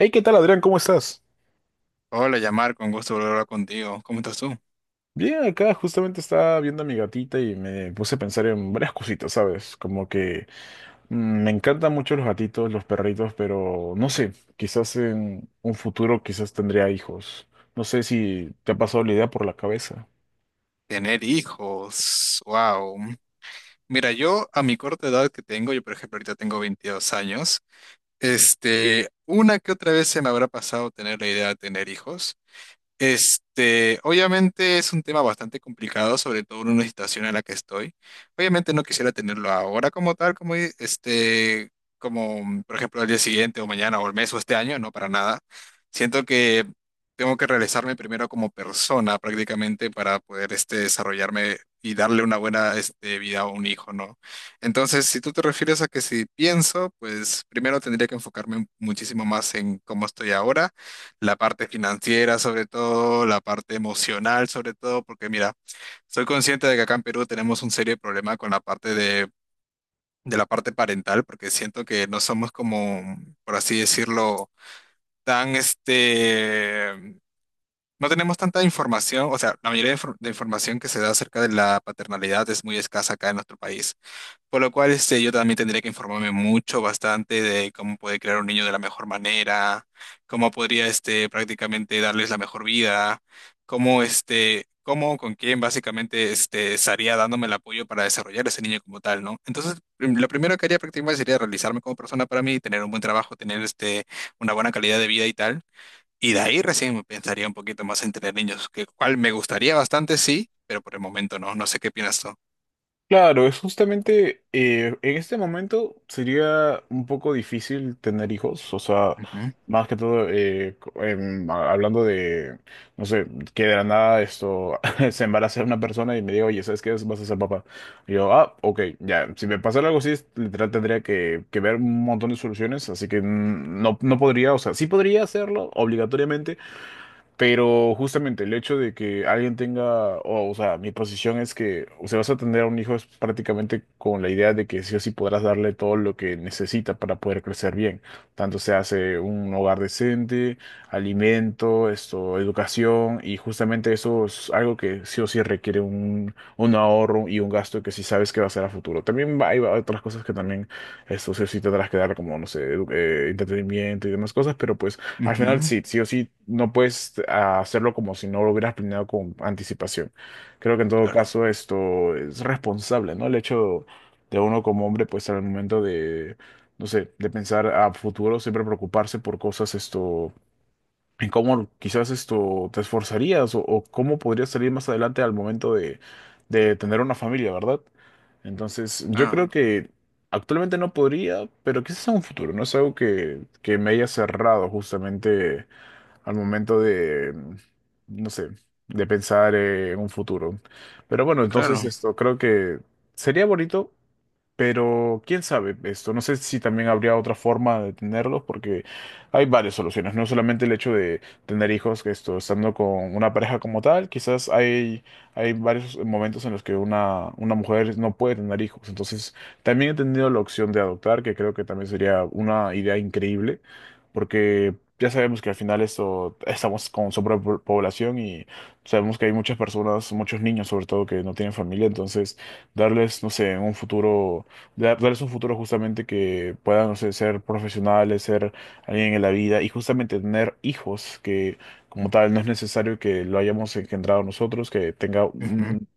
Hey, ¿qué tal, Adrián? ¿Cómo estás? Hola, Yamar, con gusto volver a hablar contigo. ¿Cómo estás tú? Bien, acá justamente estaba viendo a mi gatita y me puse a pensar en varias cositas, ¿sabes? Como que me encantan mucho los gatitos, los perritos, pero no sé, quizás en un futuro quizás tendría hijos. No sé si te ha pasado la idea por la cabeza. Tener hijos, wow. Mira, yo a mi corta edad que tengo, yo por ejemplo ahorita tengo 22 años, una que otra vez se me habrá pasado tener la idea de tener hijos. Obviamente es un tema bastante complicado, sobre todo en una situación en la que estoy. Obviamente no quisiera tenerlo ahora como tal, como por ejemplo al día siguiente o mañana o el mes o este año, no para nada. Siento que tengo que realizarme primero como persona prácticamente para poder desarrollarme y darle una buena vida a un hijo, ¿no? Entonces, si tú te refieres a que si pienso, pues primero tendría que enfocarme muchísimo más en cómo estoy ahora, la parte financiera sobre todo, la parte emocional sobre todo, porque mira, soy consciente de que acá en Perú tenemos un serio problema con la parte de la parte parental, porque siento que no somos como, por así decirlo, tan este, no tenemos tanta información, o sea, la mayoría de información que se da acerca de la paternalidad es muy escasa acá en nuestro país. Por lo cual, yo también tendría que informarme mucho, bastante, de cómo puede crear un niño de la mejor manera, cómo podría, prácticamente darles la mejor vida, cómo, cómo, con quién, básicamente, estaría dándome el apoyo para desarrollar ese niño como tal, ¿no? Entonces, lo primero que haría prácticamente sería realizarme como persona para mí, tener un buen trabajo, tener, una buena calidad de vida y tal. Y de ahí recién pensaría un poquito más en tener niños, que cual me gustaría bastante, sí, pero por el momento no. No sé qué piensas tú. Claro, es justamente en este momento sería un poco difícil tener hijos, o sea, Ujú, más que todo hablando de, no sé, que de la nada esto se embaraza una persona y me diga, oye, ¿sabes qué? Vas a ser papá. Y yo, ah, ok, ya, si me pasara algo así, literal tendría que, ver un montón de soluciones, así que no, no podría, o sea, sí podría hacerlo obligatoriamente, pero justamente el hecho de que alguien tenga, o sea, mi posición es que, o sea, vas a tener a un hijo es prácticamente con la idea de que sí o sí podrás darle todo lo que necesita para poder crecer bien. Tanto se hace un hogar decente, alimento, esto, educación, y justamente eso es algo que sí o sí requiere un, ahorro y un gasto que sí sabes que va a ser a futuro. También hay otras cosas que también, esto sí o sí tendrás que dar, como, no sé, entretenimiento y demás cosas, pero pues. Al final ujú. sí, sí o sí, no puedes hacerlo como si no lo hubieras planeado con anticipación. Creo que en todo Claro. caso esto es responsable, ¿no? El hecho de uno como hombre, pues al momento de, no sé, de pensar a futuro, siempre preocuparse por cosas esto, en cómo quizás esto te esforzarías o, cómo podrías salir más adelante al momento de tener una familia, ¿verdad? Entonces, yo Ah, creo que actualmente no podría, pero quizás en un futuro, ¿no? Es algo que, me haya cerrado justamente al momento de, no sé, de pensar en un futuro. Pero bueno, entonces claro. esto creo que sería bonito pero quién sabe esto, no sé si también habría otra forma de tenerlos, porque hay varias soluciones, no solamente el hecho de tener hijos, que esto, estando con una pareja como tal, quizás hay, varios momentos en los que una, mujer no puede tener hijos, entonces también he tenido la opción de adoptar, que creo que también sería una idea increíble, porque ya sabemos que al final esto, estamos con sobrepoblación y sabemos que hay muchas personas, muchos niños sobre todo, que no tienen familia, entonces darles, no sé, en un futuro darles un futuro justamente que puedan, no sé, ser profesionales, ser alguien en la vida y justamente tener hijos que como tal no es necesario que lo hayamos engendrado nosotros, que tenga Ujú. un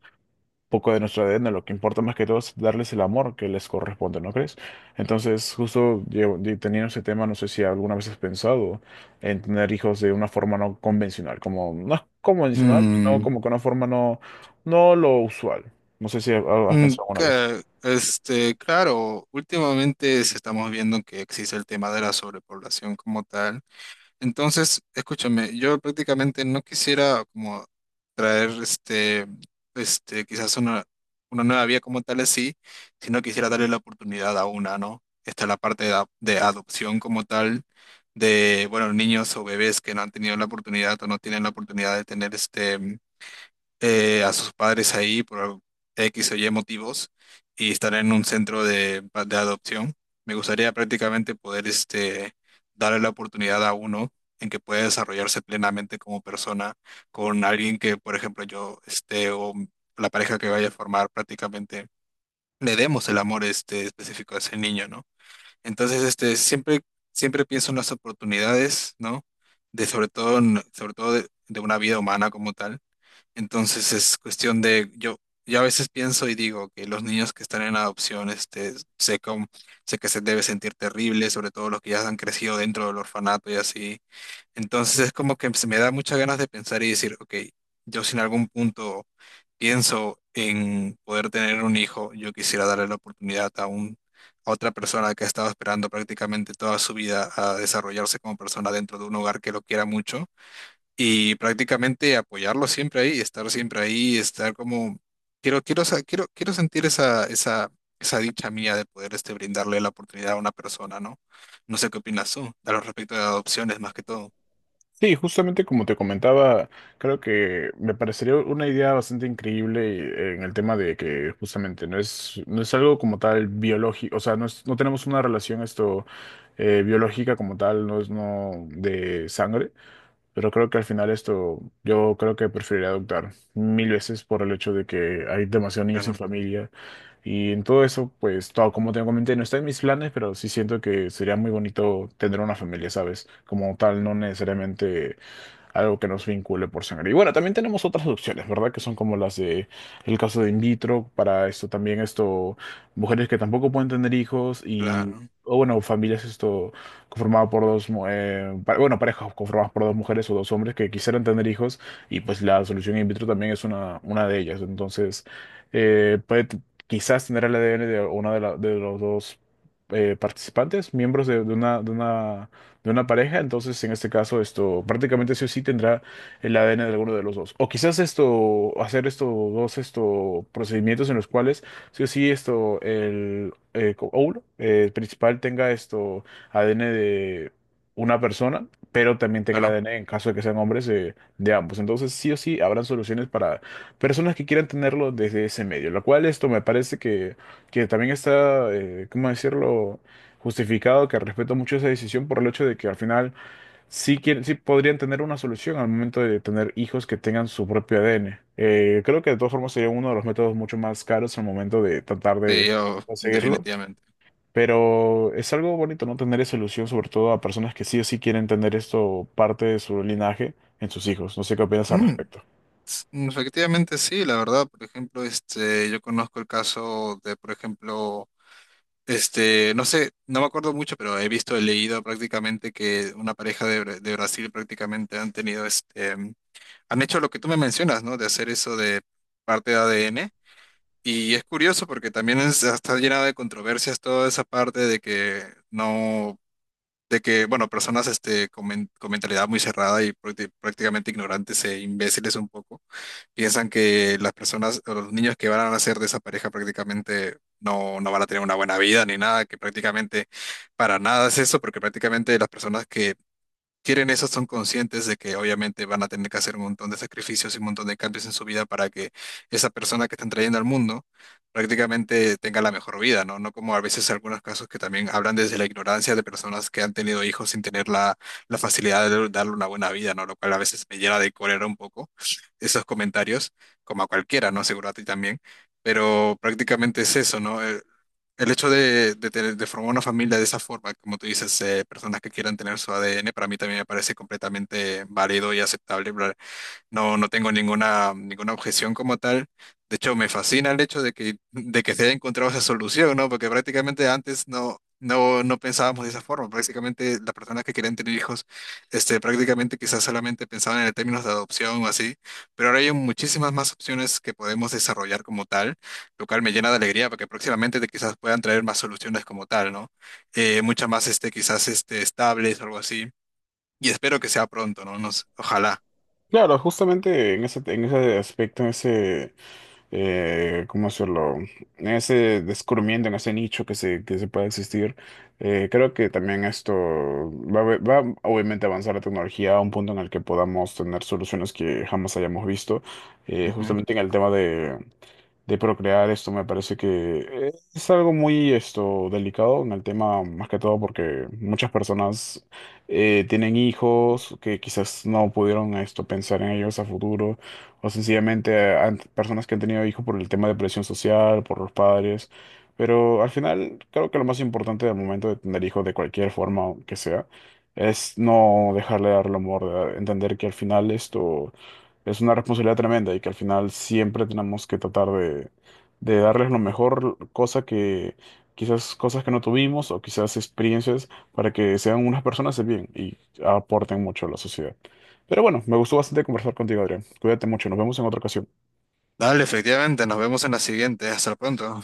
poco de nuestro ADN, lo que importa más que todo es darles el amor que les corresponde, ¿no crees? Entonces, justo teniendo ese tema, no sé si alguna vez has pensado en tener hijos de una forma no convencional, como no es convencional, sino Mm, como que una forma no, no lo usual. No sé si has mm, pensado alguna vez. Claro, últimamente se estamos viendo que existe el tema de la sobrepoblación como tal. Entonces, escúchame, yo prácticamente no quisiera como traer quizás una nueva vía como tal así, sino quisiera darle la oportunidad a una, ¿no? Está la parte de adopción como tal, de, bueno, niños o bebés que no han tenido la oportunidad o no tienen la oportunidad de tener a sus padres ahí por X o Y motivos y estar en un centro de adopción. Me gustaría prácticamente poder darle la oportunidad a uno en que pueda desarrollarse plenamente como persona con alguien que, por ejemplo, o la pareja que vaya a formar prácticamente le demos el amor específico a ese niño, ¿no? Entonces, siempre pienso en las oportunidades, ¿no? De sobre todo, sobre todo de una vida humana como tal, entonces es cuestión de, yo a veces pienso y digo que los niños que están en adopción, sé, cómo- sé que se debe sentir terrible, sobre todo los que ya han crecido dentro del orfanato y así. Entonces es como que se me da muchas ganas de pensar y decir, ok, yo si en algún punto pienso en poder tener un hijo, yo quisiera darle la oportunidad a otra persona que ha estado esperando prácticamente toda su vida a desarrollarse como persona dentro de un hogar que lo quiera mucho y prácticamente apoyarlo siempre ahí, estar como, quiero sentir esa dicha mía de poder brindarle la oportunidad a una persona, ¿no? No sé qué opinas tú, a lo respecto de adopciones más que todo. Sí, justamente como te comentaba, creo que me parecería una idea bastante increíble en el tema de que justamente no es, algo como tal biológico, o sea, no, no tenemos una relación esto biológica como tal, no es no de sangre, pero creo que al final esto yo creo que preferiría adoptar 1.000 veces por el hecho de que hay demasiados niños sin Claro, familia y en todo eso, pues todo como te comenté, no está en mis planes, pero sí siento que sería muy bonito tener una familia, ¿sabes? Como tal, no necesariamente algo que nos vincule por sangre. Y bueno, también tenemos otras opciones, ¿verdad? Que son como las de el caso de in vitro, para esto también, esto, mujeres que tampoco pueden tener hijos y, claro, o bueno, familias esto conformadas por dos, bueno, parejas conformadas por dos mujeres o dos hombres que quisieran tener hijos y pues la solución in vitro también es una, de ellas. Entonces, eh, puede t- quizás tener el ADN de una de, de los dos participantes, miembros de una, de una pareja, entonces en este caso esto prácticamente sí o sí tendrá el ADN de alguno de los dos. O quizás esto, hacer estos dos esto, procedimientos en los cuales sí o sí esto, el óvulo principal tenga esto ADN de una persona, pero también tenga el claro. ADN en caso de que sean hombres de ambos. Entonces sí o sí habrán soluciones para personas que quieran tenerlo desde ese medio, lo cual esto me parece que, también está, ¿cómo decirlo? Justificado, que respeto mucho esa decisión por el hecho de que al final sí, quieren, sí podrían tener una solución al momento de tener hijos que tengan su propio ADN. Creo que de todas formas sería uno de los métodos mucho más caros al momento de tratar Sí, de yo, conseguirlo, definitivamente. pero es algo bonito no tener esa solución, sobre todo a personas que sí o sí quieren tener esto parte de su linaje en sus hijos. No sé qué opinas al Mm, respecto. Efectivamente sí, la verdad, por ejemplo, yo conozco el caso de, por ejemplo, este, no sé, no me acuerdo mucho, pero he visto, he leído prácticamente que una pareja de, de Brasil prácticamente han tenido han hecho lo que tú me mencionas, ¿no? De hacer eso de parte de ADN. Y es curioso porque también está llena de controversias toda esa parte de que no, de que, bueno, personas con, con mentalidad muy cerrada y prácticamente ignorantes e imbéciles un poco piensan que las personas o los niños que van a nacer de esa pareja prácticamente no, no van a tener una buena vida ni nada, que prácticamente para nada es eso, porque prácticamente las personas que quieren eso son conscientes de que obviamente van a tener que hacer un montón de sacrificios y un montón de cambios en su vida para que esa persona que están trayendo al mundo prácticamente tenga la mejor vida, ¿no? No como a veces algunos casos que también hablan desde la ignorancia de personas que han tenido hijos sin tener la facilidad de darle una buena vida, ¿no? Lo cual a veces me llena de cólera un poco esos comentarios, como a cualquiera, ¿no? Seguro a ti también. Pero prácticamente es eso, ¿no? El hecho de formar una familia de esa forma, como tú dices, personas que quieran tener su ADN, para mí también me parece completamente válido y aceptable. No, no tengo ninguna objeción como tal. De hecho, me fascina el hecho de que se haya encontrado esa solución, ¿no? Porque prácticamente antes no pensábamos de esa forma. Prácticamente las personas que querían tener hijos, prácticamente quizás solamente pensaban en términos de adopción o así. Pero ahora hay muchísimas más opciones que podemos desarrollar como tal, lo cual me llena de alegría porque próximamente quizás puedan traer más soluciones como tal, ¿no? Muchas más, estables o algo así. Y espero que sea pronto, ¿no? Nos, ojalá. Claro, justamente en ese aspecto, en ese, ¿cómo hacerlo? Ese descubrimiento en ese nicho que se, pueda existir. Creo que también esto va, a ve- va a, obviamente a avanzar la tecnología a un punto en el que podamos tener soluciones que jamás hayamos visto. Justamente en el tema de procrear esto me parece que es algo muy esto delicado en el tema más que todo porque muchas personas tienen hijos que quizás no pudieron esto pensar en ellos a futuro o sencillamente personas que han tenido hijos por el tema de presión social, por los padres, pero al final creo que lo más importante del momento de tener hijos de cualquier forma que sea es no dejarle dar el amor, entender que al final esto es una responsabilidad tremenda y que al final siempre tenemos que tratar de, darles lo mejor, cosa que quizás cosas que no tuvimos o quizás experiencias para que sean unas personas de bien y aporten mucho a la sociedad. Pero bueno, me gustó bastante conversar contigo, Adrián. Cuídate mucho, nos vemos en otra ocasión. Dale, efectivamente, nos vemos en la siguiente. Hasta pronto.